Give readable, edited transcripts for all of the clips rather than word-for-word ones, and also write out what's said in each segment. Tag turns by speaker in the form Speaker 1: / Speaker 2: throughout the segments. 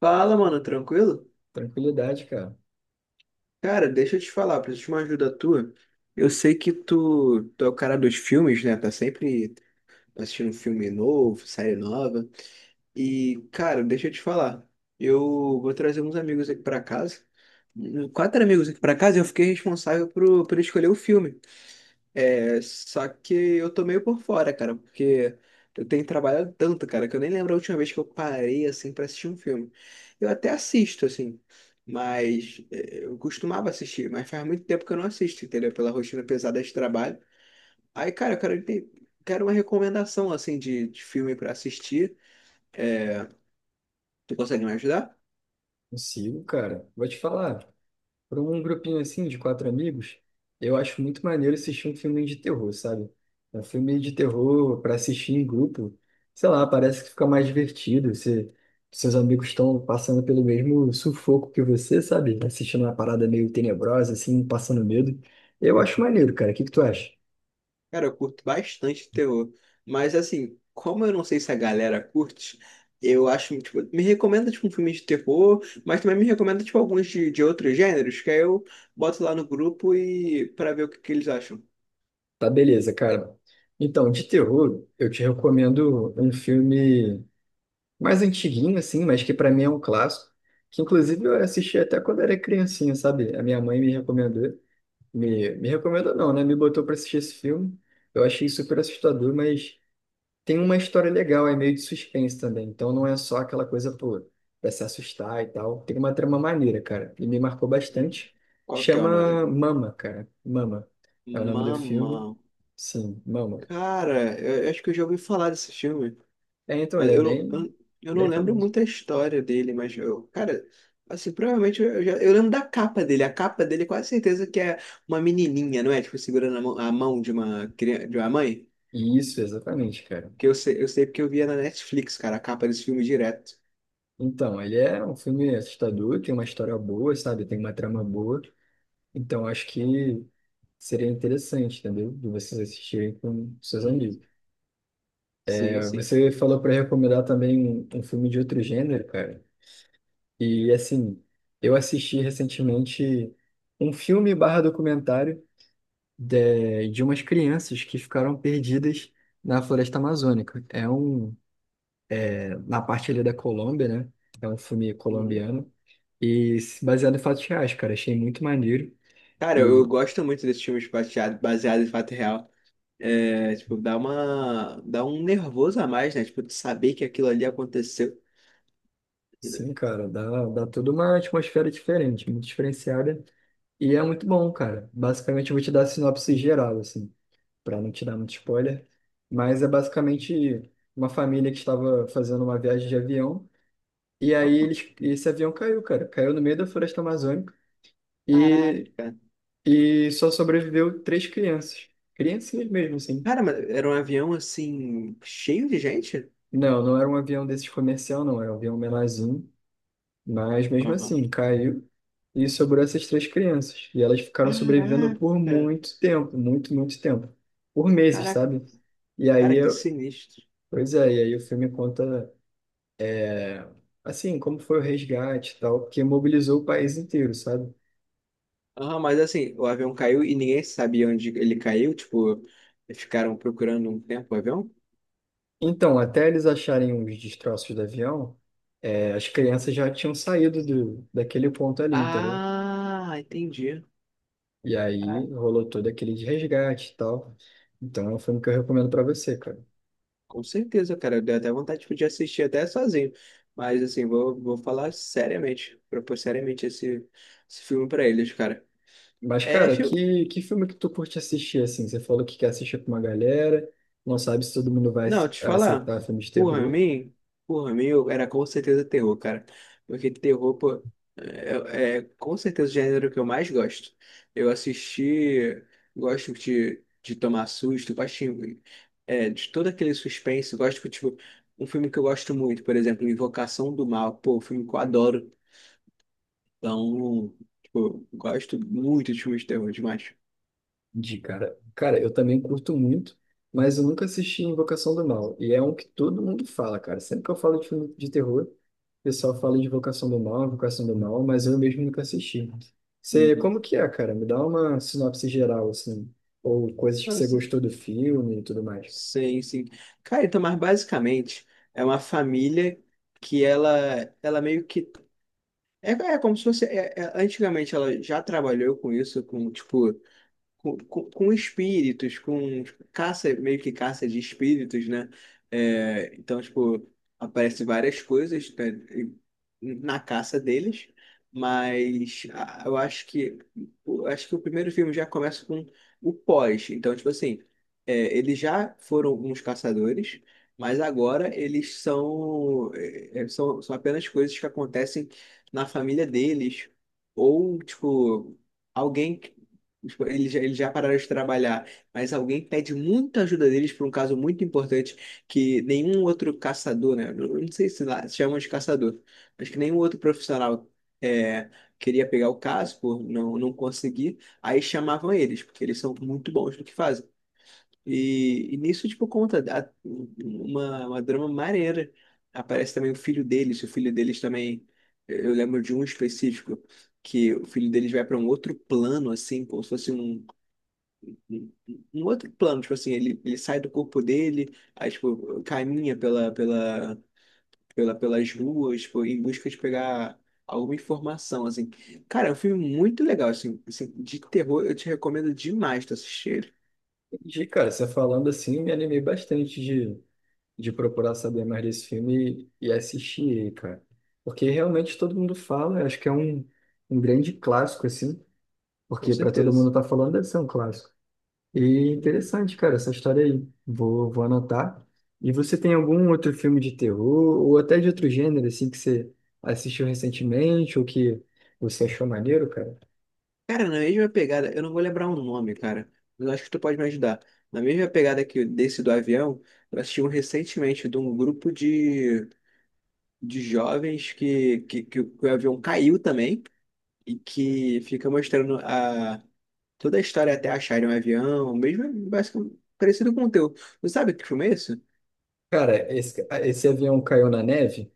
Speaker 1: Fala, mano, tranquilo?
Speaker 2: Tranquilidade, cara.
Speaker 1: Cara, deixa eu te falar, preciso de uma ajuda tua. Eu sei que tu é o cara dos filmes, né? Tá sempre assistindo filme novo, série nova. E, cara, deixa eu te falar. Eu vou trazer uns amigos aqui pra casa. Quatro amigos aqui pra casa e eu fiquei responsável por escolher o filme. É, só que eu tô meio por fora, cara, porque eu tenho trabalhado tanto, cara, que eu nem lembro a última vez que eu parei, assim, pra assistir um filme. Eu até assisto, assim, mas é, eu costumava assistir, mas faz muito tempo que eu não assisto, entendeu? Pela rotina pesada de trabalho. Aí, cara, eu quero, quero uma recomendação, assim, de filme pra assistir. Tu consegue me ajudar?
Speaker 2: Consigo, cara. Vou te falar, para um grupinho assim de quatro amigos, eu acho muito maneiro assistir um filme de terror, sabe? Um filme de terror para assistir em grupo, sei lá, parece que fica mais divertido. Você, seus amigos estão passando pelo mesmo sufoco que você, sabe? Assistindo uma parada meio tenebrosa, assim, passando medo. Eu acho maneiro, cara. O que que tu acha?
Speaker 1: Cara, eu curto bastante terror. Mas assim, como eu não sei se a galera curte, eu acho, tipo, me recomenda tipo um filme de terror, mas também me recomenda tipo alguns de outros gêneros, que aí eu boto lá no grupo e para ver o que eles acham.
Speaker 2: Tá, beleza, cara. Então, de terror, eu te recomendo um filme mais antiguinho, assim, mas que pra mim é um clássico, que inclusive eu assisti até quando era criancinha, sabe? A minha mãe me recomendou, me recomendou não, né? Me botou pra assistir esse filme, eu achei super assustador, mas tem uma história legal, é meio de suspense também, então não é só aquela coisa, pô, pra se assustar e tal, tem uma trama maneira, cara, e me marcou
Speaker 1: Uhum.
Speaker 2: bastante,
Speaker 1: Qual que é o nome?
Speaker 2: chama Mama, cara, Mama, é o nome do
Speaker 1: Mama.
Speaker 2: filme, sim, Mama.
Speaker 1: Cara, eu acho que eu já ouvi falar desse filme.
Speaker 2: É, então
Speaker 1: Mas
Speaker 2: ele é bem,
Speaker 1: Eu não
Speaker 2: bem
Speaker 1: lembro
Speaker 2: famoso.
Speaker 1: muito a história dele, mas eu, cara, assim, provavelmente eu lembro da capa dele. A capa dele, quase certeza que é uma menininha, não é? Tipo, segurando a mão de uma criança, de uma mãe.
Speaker 2: Isso, exatamente, cara.
Speaker 1: Que eu sei porque eu via na Netflix, cara, a capa desse filme direto.
Speaker 2: Então, ele é um filme assustador, tem uma história boa, sabe? Tem uma trama boa. Então, acho que seria interessante, entendeu? De vocês assistirem com seus
Speaker 1: Uhum.
Speaker 2: amigos.
Speaker 1: Sim,
Speaker 2: É,
Speaker 1: sim.
Speaker 2: você falou para recomendar também um filme de outro gênero, cara. E, assim, eu assisti recentemente um filme barra documentário de umas crianças que ficaram perdidas na floresta amazônica. É um na parte ali da Colômbia, né? É um filme
Speaker 1: Uhum.
Speaker 2: colombiano. E se baseado em fatos reais, cara. Achei muito maneiro.
Speaker 1: Cara, eu
Speaker 2: E
Speaker 1: gosto muito desses filmes baseado em fato real. É, tipo, dá uma, dá um nervoso a mais, né? Tipo, de saber que aquilo ali aconteceu.
Speaker 2: sim, cara, dá, dá toda uma atmosfera diferente, muito diferenciada. E é muito bom, cara. Basicamente, eu vou te dar a sinopse geral, assim, para não te dar muito spoiler. Mas é basicamente uma família que estava fazendo uma viagem de avião. E aí eles, esse avião caiu, cara. Caiu no meio da floresta amazônica.
Speaker 1: Caraca.
Speaker 2: E, e só sobreviveu três crianças. Criancinhas mesmo, assim.
Speaker 1: Cara, mas era um avião assim, cheio de gente?
Speaker 2: Não, não era um avião desses comercial, não. Era um avião menorzinho. Mas mesmo
Speaker 1: Aham.
Speaker 2: assim, caiu e sobrou essas três crianças. E elas ficaram sobrevivendo por
Speaker 1: Caraca,
Speaker 2: muito tempo, muito, muito tempo. Por meses,
Speaker 1: caraca,
Speaker 2: sabe? E aí,
Speaker 1: cara, que
Speaker 2: eu-
Speaker 1: sinistro.
Speaker 2: Pois é, e aí o filme conta, é, assim, como foi o resgate e tal, que mobilizou o país inteiro, sabe?
Speaker 1: Aham, mas assim, o avião caiu e ninguém sabia onde ele caiu, tipo, ficaram procurando um tempo o avião?
Speaker 2: Então, até eles acharem os destroços do avião, as crianças já tinham saído do, daquele ponto ali, entendeu?
Speaker 1: Ah, entendi.
Speaker 2: E
Speaker 1: Ah,
Speaker 2: aí rolou todo aquele de resgate e tal. Então é um filme que eu recomendo pra você, cara.
Speaker 1: com certeza, cara, deu até vontade, tipo, de assistir até sozinho. Mas assim, vou falar seriamente, propor seriamente esse, esse filme pra eles, cara.
Speaker 2: Mas,
Speaker 1: É,
Speaker 2: cara,
Speaker 1: fi-
Speaker 2: que filme que tu curte assistir, assim? Você falou que quer assistir com uma galera, não sabe se todo mundo vai
Speaker 1: Não, te falar,
Speaker 2: aceitar filme de
Speaker 1: por
Speaker 2: terror.
Speaker 1: mim, por mim era com certeza terror, cara. Porque terror, pô, é com certeza o gênero que eu mais gosto. Eu assisti, gosto de tomar susto, gosto de, de todo aquele suspense, gosto, de tipo, um filme que eu gosto muito, por exemplo, Invocação do Mal, pô, um filme que eu adoro. Então, tipo, gosto muito de filmes de terror demais.
Speaker 2: De cara. Cara, eu também curto muito, mas eu nunca assisti Invocação do Mal. E é um que todo mundo fala, cara. Sempre que eu falo de filme de terror, o pessoal fala de Invocação do Mal, mas eu mesmo nunca assisti. Você, como
Speaker 1: Uhum.
Speaker 2: que é, cara? Me dá uma sinopse geral, assim. Ou coisas que
Speaker 1: Não,
Speaker 2: você gostou do filme e tudo mais.
Speaker 1: Sim, sim. Cara, então, mas basicamente é uma família que ela meio que. É, é como se fosse. Antigamente ela já trabalhou com isso, com, tipo, com espíritos, com caça, meio que caça de espíritos, né? É, então, tipo, aparece várias coisas, né, na caça deles, mas a- eu acho que eu acho que o primeiro filme já começa com o pós. Então, tipo assim, é, eles já foram uns caçadores, mas agora eles são, são, são apenas coisas que acontecem na família deles, ou, tipo, alguém. Tipo, eles já pararam de trabalhar, mas alguém pede muita ajuda deles para um caso muito importante que nenhum outro caçador, né? eu Não sei se lá se chamam de caçador, mas que nenhum outro profissional é, queria pegar o caso por não conseguir, aí chamavam eles, porque eles são muito bons no que fazem. E nisso, tipo, uma drama maneira. Aparece também o filho deles também. Eu lembro de um específico que o filho deles vai para um outro plano, assim, como se fosse um em outro plano, tipo assim, ele sai do corpo dele, aí, tipo, caminha pelas ruas, tipo, em busca de pegar alguma informação, assim. Cara, é um filme muito legal, assim, assim, de terror, eu te recomendo demais tu assistir ele,
Speaker 2: Entendi, cara. Você falando assim, me animei bastante de procurar saber mais desse filme e assistir ele, cara. Porque realmente todo mundo fala, acho que é um, um grande clássico, assim,
Speaker 1: com
Speaker 2: porque para todo mundo
Speaker 1: certeza.
Speaker 2: tá falando deve ser um clássico. E
Speaker 1: Uhum.
Speaker 2: interessante, cara, essa história aí. Vou, vou anotar. E você tem algum outro filme de terror ou até de outro gênero assim que você assistiu recentemente ou que você achou maneiro, cara?
Speaker 1: Cara, na mesma pegada, eu não vou lembrar o nome, cara, mas eu acho que tu pode me ajudar. Na mesma pegada que desse do avião, eu assisti um recentemente de um grupo de jovens que o que o avião caiu também. E que fica mostrando a, toda a história até acharem um avião, mesmo basicamente parecido com o teu. Não sabe que filme é isso?
Speaker 2: Cara, esse avião caiu na neve?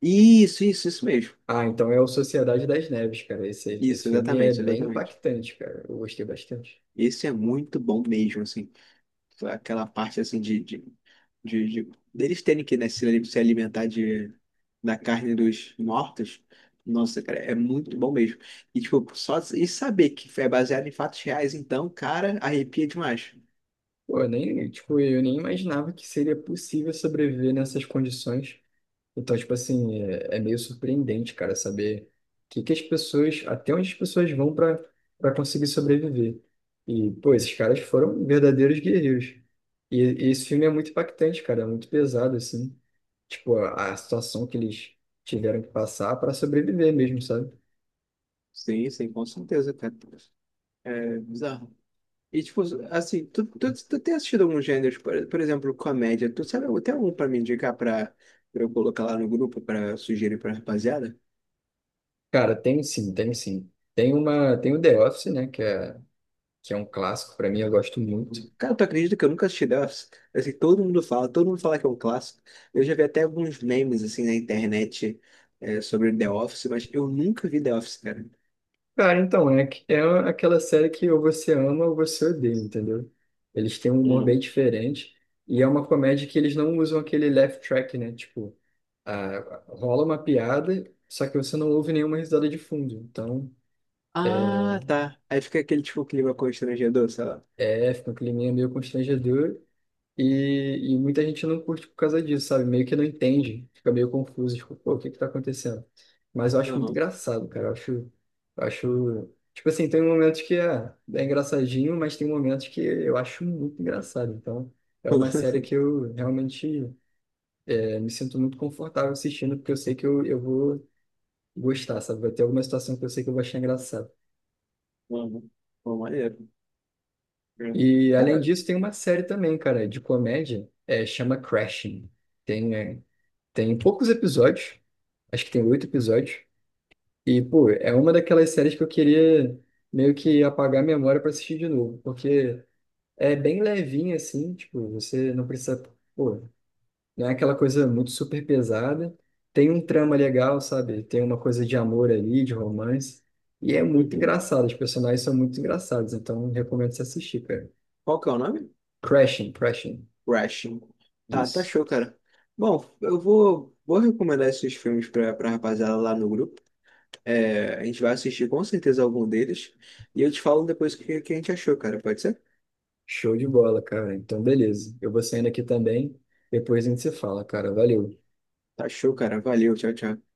Speaker 1: Isso mesmo.
Speaker 2: Ah, então é o Sociedade das Neves, cara. Esse
Speaker 1: Isso,
Speaker 2: filme é
Speaker 1: exatamente,
Speaker 2: bem
Speaker 1: exatamente.
Speaker 2: impactante, cara. Eu gostei bastante.
Speaker 1: Esse é muito bom mesmo, assim. Aquela parte assim deles terem que, né, se alimentar de, da carne dos mortos. Nossa, cara, é muito bom mesmo. E tipo, só e saber que é baseado em fatos reais, então, cara, arrepia demais.
Speaker 2: Pô, eu nem, tipo, eu nem imaginava que seria possível sobreviver nessas condições. Então, tipo assim, é, é meio surpreendente, cara, saber que as pessoas, até onde as pessoas vão para conseguir sobreviver. E, pô, esses caras foram verdadeiros guerreiros. E esse filme é muito impactante, cara, é muito pesado, assim. Tipo, a situação que eles tiveram que passar para sobreviver mesmo, sabe?
Speaker 1: Sim, sim, com certeza, cara. É bizarro. E, tipo, assim, tu tem assistido alguns gêneros, por exemplo, comédia. Tu sabe, tem algum pra me indicar pra, pra eu colocar lá no grupo pra sugerir pra rapaziada?
Speaker 2: Cara, tem sim, tem sim. Tem uma, tem o The Office, né, que é um clássico, para mim, eu gosto muito.
Speaker 1: Cara, tu acredita que eu nunca assisti Delphi? Assim, todo mundo fala que é um clássico. Eu já vi até alguns memes, assim, na internet é, sobre The Office, mas eu nunca vi The Office, cara.
Speaker 2: Cara, então, é, é aquela série que ou você ama ou você odeia, entendeu? Eles têm um humor bem
Speaker 1: Uhum.
Speaker 2: diferente e é uma comédia que eles não usam aquele laugh track, né? Tipo, a, rola uma piada, só que você não ouve nenhuma risada de fundo. Então,
Speaker 1: Ah, tá. Aí fica aquele, tipo, clima constrangedor, sei lá.
Speaker 2: é, fica um climinha meio constrangedor. E muita gente não curte por causa disso, sabe? Meio que não entende, fica meio confuso, tipo, pô, o que que tá acontecendo? Mas eu acho muito
Speaker 1: Aham.
Speaker 2: engraçado, cara. Eu acho, tipo assim, tem momentos que é, é engraçadinho, mas tem momentos que eu acho muito engraçado. Então, é uma série
Speaker 1: Uhum.
Speaker 2: que eu realmente me sinto muito confortável assistindo, porque eu sei que eu vou gostar, sabe? Vai ter alguma situação que eu sei que eu vou achar engraçado.
Speaker 1: Uhum. Pô, maneiro. É.
Speaker 2: E, além
Speaker 1: Cara,
Speaker 2: disso, tem uma série também, cara, de comédia, é, chama Crashing. Tem, é, Tem poucos episódios, acho que tem oito episódios. E, pô, é uma daquelas séries que eu queria meio que apagar a memória pra assistir de novo, porque é bem levinha, assim, tipo, você não precisa, pô, não é aquela coisa muito super pesada. Tem um trama legal, sabe? Tem uma coisa de amor ali, de romance. E é muito
Speaker 1: uhum.
Speaker 2: engraçado, os personagens são muito engraçados, então recomendo você assistir, cara.
Speaker 1: Qual que é o nome?
Speaker 2: Crashing, Crashing.
Speaker 1: Rushing. Tá, tá
Speaker 2: Isso.
Speaker 1: show, cara. Bom, vou recomendar esses filmes pra, pra rapaziada lá no grupo. É, a gente vai assistir com certeza algum deles. E eu te falo depois o que a gente achou, cara. Pode ser?
Speaker 2: Show de bola, cara. Então, beleza. Eu vou saindo aqui também. Depois a gente se fala, cara. Valeu.
Speaker 1: Tá show, cara. Valeu, tchau, tchau.